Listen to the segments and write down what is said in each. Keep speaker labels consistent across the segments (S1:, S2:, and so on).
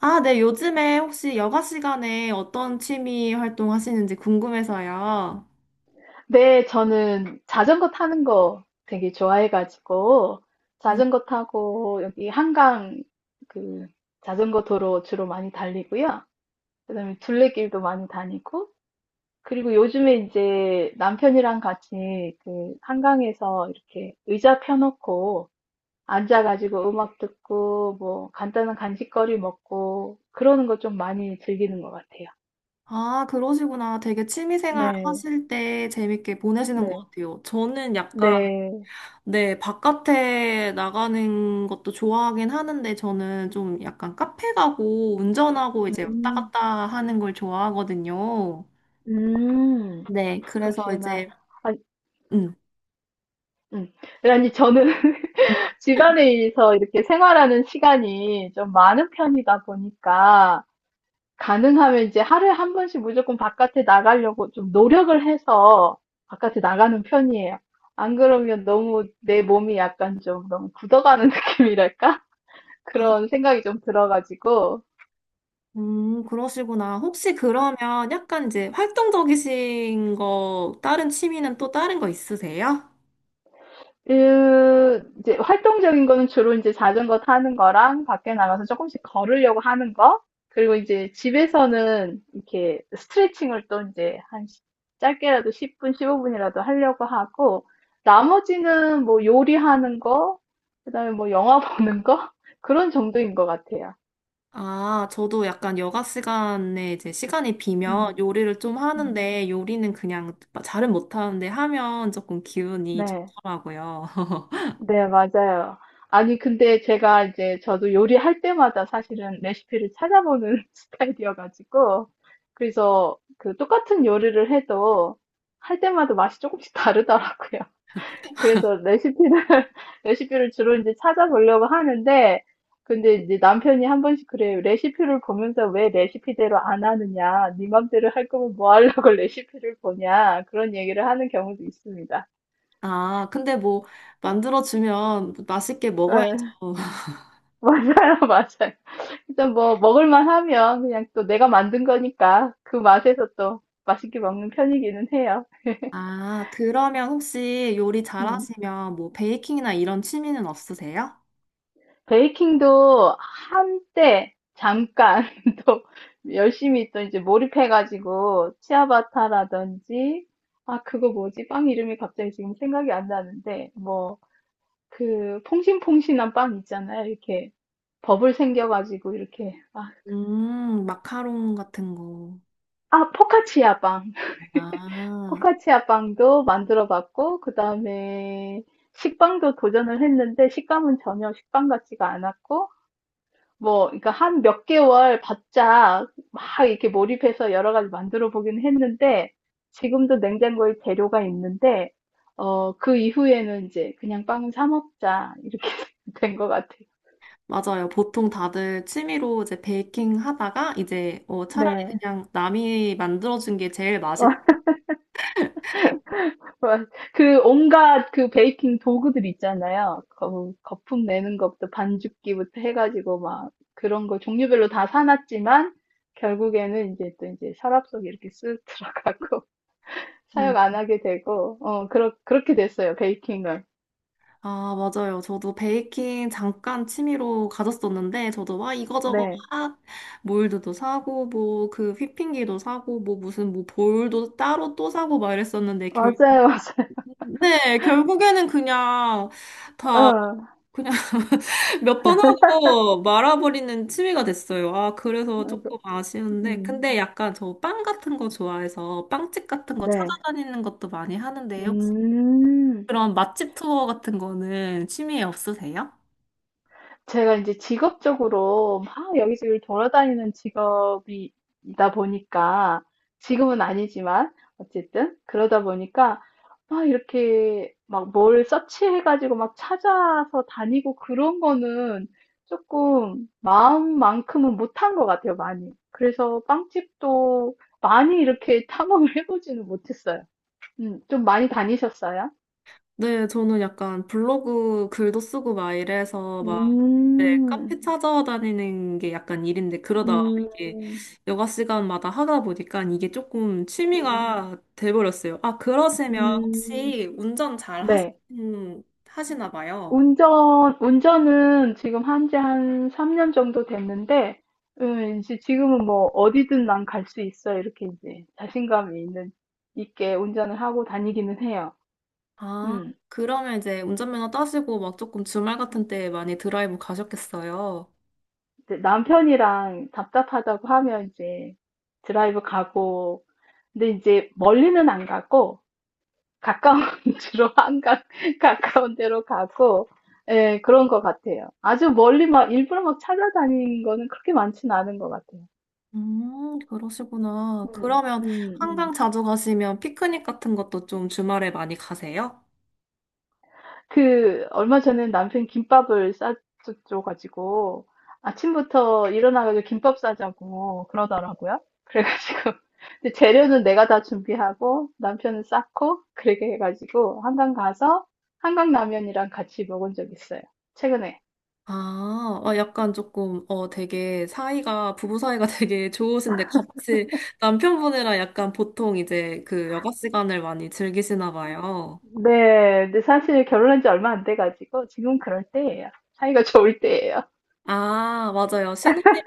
S1: 아, 네, 요즘에 혹시 여가 시간에 어떤 취미 활동 하시는지 궁금해서요.
S2: 네, 저는 자전거 타는 거 되게 좋아해가지고,
S1: 음,
S2: 자전거 타고 여기 한강 그 자전거 도로 주로 많이 달리고요. 그다음에 둘레길도 많이 다니고, 그리고 요즘에 이제 남편이랑 같이 그 한강에서 이렇게 의자 펴놓고 앉아가지고 음악 듣고 뭐 간단한 간식거리 먹고 그러는 거 좀 많이 즐기는 것 같아요.
S1: 아, 그러시구나. 되게 취미 생활
S2: 네,
S1: 하실 때 재밌게 보내시는 것
S2: 네,
S1: 같아요. 저는 약간,
S2: 네.
S1: 네, 바깥에 나가는 것도 좋아하긴 하는데, 저는 좀 약간 카페 가고 운전하고 이제 왔다
S2: 음,
S1: 갔다 하는 걸 좋아하거든요.
S2: 음.
S1: 네, 그래서
S2: 그러시구나.
S1: 이제,
S2: 아,
S1: 음.
S2: 음. 네, 아니, 저는 집안에서 이렇게 생활하는 시간이 좀 많은 편이다 보니까, 가능하면 이제 하루에 한 번씩 무조건 바깥에 나가려고 좀 노력을 해서 바깥에 나가는 편이에요. 안 그러면 너무 내 몸이 약간 좀 너무 굳어가는 느낌이랄까? 그런 생각이 좀 들어가지고,
S1: 그러시구나. 혹시 그러면 약간 이제 활동적이신 거, 다른 취미는 또 다른 거 있으세요?
S2: 그, 이제 활동적인 거는 주로 이제 자전거 타는 거랑 밖에 나가서 조금씩 걸으려고 하는 거, 그리고 이제 집에서는 이렇게 스트레칭을 또 이제 짧게라도 10분, 15분이라도 하려고 하고, 나머지는 뭐 요리하는 거, 그다음에 뭐 영화 보는 거, 그런 정도인 것 같아요.
S1: 아, 저도 약간 여가 시간에 이제 시간이 비면
S2: 음,
S1: 요리를 좀
S2: 음.
S1: 하는데 요리는 그냥 잘은 못하는데 하면 조금 기운이
S2: 네.
S1: 좋더라고요.
S2: 네, 맞아요. 아니, 근데 제가 이제 저도 요리할 때마다 사실은 레시피를 찾아보는 스타일이어가지고, 그래서 그 똑같은 요리를 해도 할 때마다 맛이 조금씩 다르더라고요. 그래서 레시피를, 레시피를 주로 이제 찾아보려고 하는데, 근데 이제 남편이 한 번씩 그래요. 레시피를 보면서 왜 레시피대로 안 하느냐. 네 맘대로 할 거면 뭐 하려고 레시피를 보냐. 그런 얘기를 하는 경우도 있습니다.
S1: 아, 근데 뭐 만들어주면 맛있게
S2: 네,
S1: 먹어야죠.
S2: 맞아요, 맞아요. 일단 뭐 먹을만 하면 그냥 또 내가 만든 거니까 그 맛에서 또 맛있게 먹는 편이기는 해요.
S1: 아, 그러면 혹시 요리
S2: 음.
S1: 잘하시면 뭐 베이킹이나 이런 취미는 없으세요?
S2: 베이킹도 한때 잠깐 또 열심히 또 이제 몰입해가지고 치아바타라든지 아 그거 뭐지? 빵 이름이 갑자기 지금 생각이 안 나는데 뭐 그 퐁신퐁신한 빵 있잖아요. 이렇게 버블 생겨가지고 이렇게 아,
S1: 마카롱 같은 거.
S2: 아 포카치아 빵.
S1: 아,
S2: 포카치아 빵도 만들어 봤고, 그 다음에 식빵도 도전을 했는데, 식감은 전혀 식빵 같지가 않았고, 뭐, 그러니까 한 몇 개월 바짝 막 이렇게 몰입해서 여러 가지 만들어 보긴 했는데, 지금도 냉장고에 재료가 있는데, 어, 그 이후에는 이제 그냥 빵은 사 먹자, 이렇게 된 것 같아요.
S1: 맞아요. 보통 다들 취미로 이제 베이킹 하다가 이제 어, 차라리
S2: 네.
S1: 그냥 남이 만들어준 게 제일 맛있
S2: 어, 맞- 그 온갖 그 베이킹 도구들 있잖아요. 거, 거품 내는 것부터 반죽기부터 해가지고 막 그런 거 종류별로 다 사놨지만 결국에는 이제 또 이제 서랍 속에 이렇게 쓱 들어가고
S1: 음.
S2: 사용 안 하게 되고 어 그렇게 됐어요 베이킹을.
S1: 아, 맞아요. 저도 베이킹 잠깐 취미로 가졌었는데, 저도 와, 이거저거
S2: 네
S1: 막, 몰드도 사고, 뭐, 그 휘핑기도 사고, 뭐, 무슨, 뭐, 볼도 따로 또 사고 막 이랬었는데, 결,
S2: 맞아요
S1: 네, 결국에는 그냥
S2: 맞아요. 어,
S1: 몇 번 하고 말아버리는 취미가 됐어요. 아, 그래서
S2: 어, 그,
S1: 조금 아쉬운데.
S2: 음,
S1: 근데 약간 저 빵 같은 거 좋아해서 빵집 같은 거
S2: 네.
S1: 찾아다니는 것도 많이 하는데, 혹시
S2: 음,
S1: 그런 맛집 투어 같은 거는 취미에 없으세요?
S2: 제가 이제 직업적으로 막 여기저기 돌아다니는 직업이다 보니까 지금은 아니지만 어쨌든 그러다 보니까 막 이렇게 막 뭘 서치해 가지고 막 찾아서 다니고 그런 거는 조금 마음만큼은 못한 것 같아요 많이. 그래서 빵집도 많이 이렇게 탐험을 해 보지는 못했어요. 음. 좀 많이 다니셨어요?
S1: 네, 저는 약간 블로그 글도 쓰고 막 이래서 네,
S2: 음.
S1: 카페 찾아다니는 게 약간 일인데, 그러다 이게
S2: 음.
S1: 여가 시간마다 하다 보니까 이게 조금
S2: 음.
S1: 취미가 돼버렸어요. 아, 그러시면
S2: 음.
S1: 혹시 운전 잘 하시
S2: 네.
S1: 하시나 봐요.
S2: 운전은 지금 한지 한 3년 정도 됐는데, 이제 지금은 뭐 어디든 난 갈 수 있어. 이렇게 이제 자신감이 있는, 있게 운전을 하고 다니기는 해요.
S1: 아,
S2: 음,
S1: 그러면 이제 운전면허 따시고 막 조금 주말 같은 때 많이 드라이브 가셨겠어요.
S2: 이제 남편이랑 답답하다고 하면 이제 드라이브 가고, 근데 이제 멀리는 안 가고, 가까운 주로 한강, 가까운 데로 가고, 예, 그런 것 같아요. 아주 멀리 막 일부러 막 찾아다니는 거는 그렇게 많지는 않은 것 같아요.
S1: 그러시구나.
S2: 음,
S1: 그러면
S2: 음,
S1: 한강
S2: 음.
S1: 자주 가시면 피크닉 같은 것도 좀 주말에 많이 가세요?
S2: 그, 얼마 전에 남편 김밥을 싸줘가지고, 아침부터 일어나가지고 김밥 싸자고 그러더라고요. 그래가지고, 근데 재료는 내가 다 준비하고, 남편은 싸고, 그렇게 해가지고, 한강 가서, 한강라면이랑 같이 먹은 적 있어요. 최근에.
S1: 아, 아, 약간 조금, 어, 되게 사이가, 부부 사이가 되게 좋으신데 같이 남편분이랑 약간 보통 이제 그 여가 시간을 많이 즐기시나 봐요.
S2: 네, 근데 사실 결혼한 지 얼마 안 돼가지고, 지금 그럴 때예요. 사이가 좋을 때예요.
S1: 아, 맞아요. 신혼이면,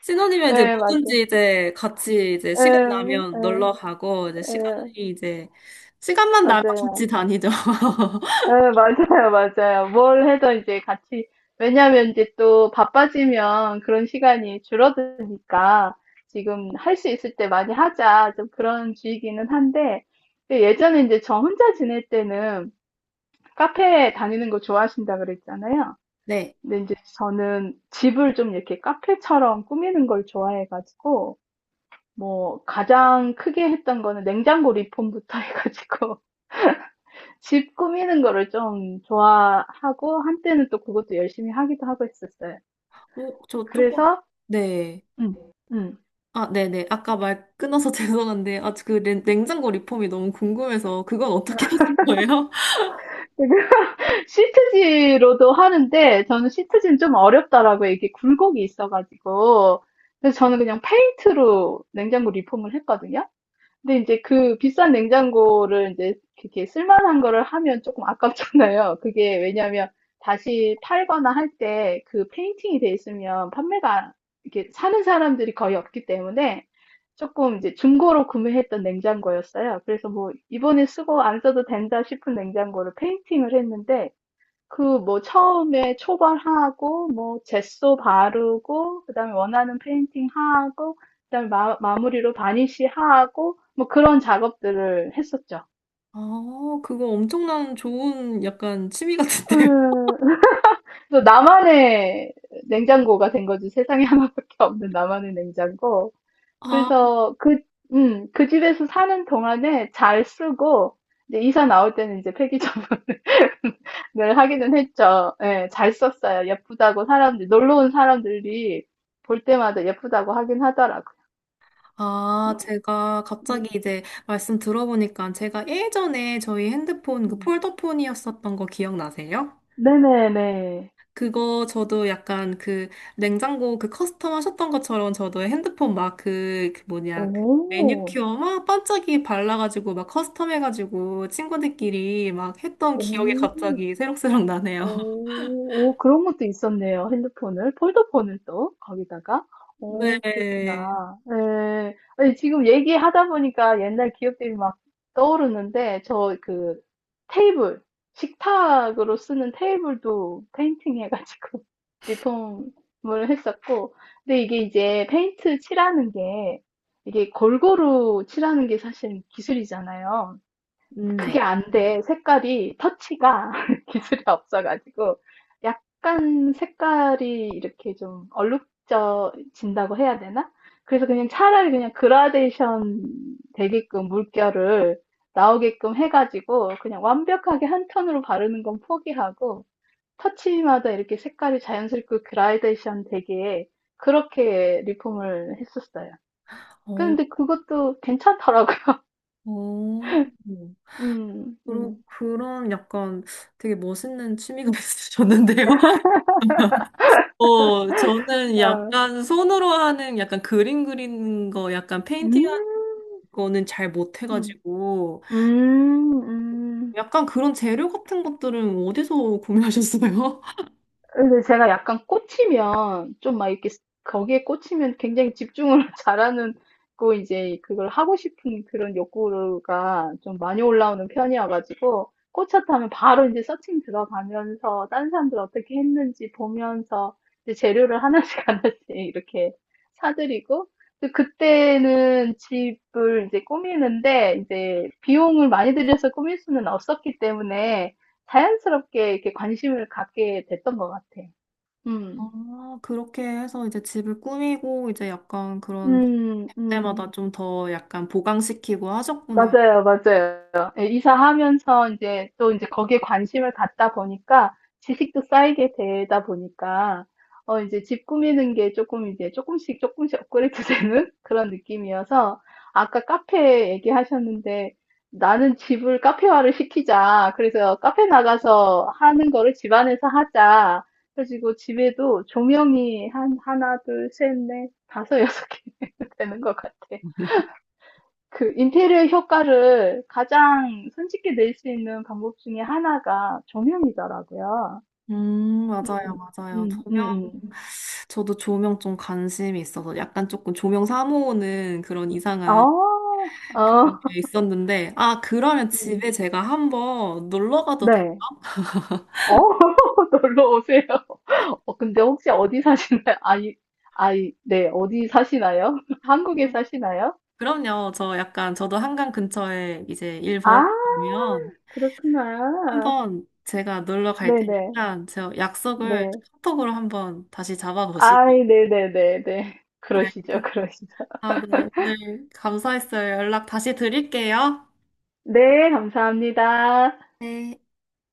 S1: 신혼이면 이제
S2: 네, 맞아
S1: 뭐든지 이제 같이 이제 시간
S2: 예,
S1: 나면 놀러 가고, 이제
S2: 예,
S1: 시간이
S2: 예,
S1: 이제, 시간만 나면 같이
S2: 맞아요.
S1: 다니죠.
S2: 네, 맞아요, 맞아요. 뭘 해도 이제 같이, 왜냐면 이제 또 바빠지면 그런 시간이 줄어드니까 지금 할 수 있을 때 많이 하자. 좀 그런 주의기는 한데, 근데 예전에 이제 저 혼자 지낼 때는 카페 다니는 거 좋아하신다 그랬잖아요.
S1: 네.
S2: 근데 이제 저는 집을 좀 이렇게 카페처럼 꾸미는 걸 좋아해가지고, 뭐, 가장 크게 했던 거는 냉장고 리폼부터 해가지고, 집 꾸미는 거를 좀 좋아하고 한때는 또 그것도 열심히 하기도 하고 했었어요.
S1: 어, 저 조금,
S2: 그래서
S1: 네.
S2: 응, 응.
S1: 아, 네네. 아까 말 끊어서 죄송한데, 아, 냉장고 리폼이 너무 궁금해서, 그건 어떻게 하신 거예요?
S2: 시트지로도 하는데 저는 시트지는 좀 어렵더라고요. 이게 굴곡이 있어가지고 그래서 저는 그냥 페인트로 냉장고 리폼을 했거든요. 근데 이제 그 비싼 냉장고를 이제 이렇게 쓸만한 거를 하면 조금 아깝잖아요. 그게 왜냐하면 다시 팔거나 할 때 그 페인팅이 돼 있으면 판매가 이렇게 사는 사람들이 거의 없기 때문에 조금 이제 중고로 구매했던 냉장고였어요. 그래서 뭐 '이번에 쓰고 안 써도 된다.' 싶은 냉장고를 페인팅을 했는데 그 뭐 처음에 초벌하고 뭐 젯소 바르고 그다음에 원하는 페인팅 하고 그다음에 마무리로 바니쉬 하고 뭐 그런 작업들을 했었죠.
S1: 아, 그거 엄청난 좋은 약간 취미 같은데요?
S2: 음, 그래서 나만의 냉장고가 된 거지. 세상에 하나밖에 없는 나만의 냉장고.
S1: 아,
S2: 그래서 그, 그 집에서 사는 동안에 잘 쓰고, 이제 이사 나올 때는 이제 폐기적으로 늘 하기는 했죠. 예, 잘 썼어요. 예쁘다고 사람들, 놀러 온 사람들이 볼 때마다 예쁘다고 하긴 하더라고요. 음,
S1: 아, 제가 갑자기
S2: 음,
S1: 이제 말씀 들어보니까 제가 예전에 저희 핸드폰 그
S2: 음.
S1: 폴더폰이었었던 거 기억나세요?
S2: 네네네.
S1: 그거 저도 약간 그 냉장고 그 커스텀 하셨던 것처럼 저도 핸드폰 막 그 뭐냐 그
S2: 오,
S1: 매니큐어 막 반짝이 발라가지고 막 커스텀 해가지고 친구들끼리 막 했던 기억이
S2: 오.
S1: 갑자기 새록새록 나네요.
S2: 오, 오, 그런 것도 있었네요. 핸드폰을, 폴더폰을 또, 거기다가. 오,
S1: 네.
S2: 그랬구나. 네. 아니, 지금 얘기하다 보니까 옛날 기억들이 막 떠오르는데, 저 그 테이블, 식탁으로 쓰는 테이블도 페인팅 해가지고 리폼을 했었고, 근데 이게 이제 페인트 칠하는 게, 이게 골고루 칠하는 게 사실 기술이잖아요.
S1: 음.
S2: 그게
S1: 네.
S2: 안 돼. 색깔이, 터치가 기술이 없어가지고, 약간 색깔이 이렇게 좀 얼룩져진다고 해야 되나? 그래서 그냥 차라리 그냥 그라데이션 되게끔 물결을 나오게끔 해가지고, 그냥 완벽하게 한 톤으로 바르는 건 포기하고, 터치마다 이렇게 색깔이 자연스럽게 그라데이션 되게, 그렇게 리폼을 했었어요.
S1: 어,
S2: 근데 그것도 괜찮더라고요.
S1: 어.
S2: 음,
S1: 그런,
S2: 음,
S1: 그런 약간 되게 멋있는 취미가 있으셨는데요. 어, 저는
S2: 어.
S1: 약간 손으로 하는 약간 그림 그리는 거 약간 페인팅
S2: 음.
S1: 거는 잘
S2: 음.
S1: 못해가지고
S2: 음, 음.
S1: 약간 그런 재료 같은 것들은 어디서 구매하셨어요?
S2: 근데 제가 약간 꽂히면, 좀 막 이렇게, 거기에 꽂히면 굉장히 집중을 잘하는, 고 이제 그걸 하고 싶은 그런 욕구가 좀 많이 올라오는 편이어가지고, 꽂혔다면 바로 이제 서칭 들어가면서, 다른 사람들 어떻게 했는지 보면서, 이제 재료를 하나씩 하나씩 이렇게 사들이고, 또 그때는 집을 이제 꾸미는데, 이제 비용을 많이 들여서 꾸밀 수는 없었기 때문에, 자연스럽게 이렇게 관심을 갖게 됐던 것 같아. 음,
S1: 아, 그렇게 해서 이제 집을 꾸미고 이제 약간 그런
S2: 음, 음.
S1: 때마다 좀 더 약간 보강시키고 하셨구나.
S2: 맞아요, 맞아요. 예, 이사하면서 이제 또 이제 거기에 관심을 갖다 보니까 지식도 쌓이게 되다 보니까 어제집 꾸미는 게 조금 이제 조금씩 조금씩 업그레이드 되는 그런 느낌이어서 아까 카페 얘기하셨는데 "나는 집을 카페화를 시키자. 그래서 카페 나가서 하는 거를 집 안에서 하자." 그래 가지고 집에도 조명이 한 하나, 둘, 셋, 넷, 다섯, 여섯 개 되는 것 같아요. 그 인테리어 효과를 가장 손쉽게 낼 수 있는 방법 중에 하나가 조명이더라고요.
S1: 맞아요,
S2: 음,
S1: 맞아요.
S2: 음,
S1: 조명,
S2: 음,
S1: 저도 조명 좀 관심이 있어서 약간 조금 조명 사모으는 그런 이상한
S2: 어, 어,
S1: 그런 게 있었는데, 아, 그러면
S2: 음.
S1: 집에 제가 한번 놀러 가도 돼요?
S2: 네. 어, 놀러 오세요. 어, 근데 혹시 어디 사시나요? 아이, 아이, 네, 어디 사시나요? 한국에 사시나요?
S1: 그럼요. 저 약간 저도 한강 근처에 이제 일
S2: 아,
S1: 벌어보면
S2: 그렇구나.
S1: 한 번 제가 놀러 갈
S2: 네네, 네.
S1: 테니까 저 약속을
S2: 네.
S1: 카톡으로 한번 다시 잡아보시죠.
S2: 아이, 네네네네.
S1: 네.
S2: 그러시죠, 그러시죠.
S1: 아, 네. 오늘 감사했어요. 연락 다시 드릴게요.
S2: 네, 감사합니다.
S1: 네.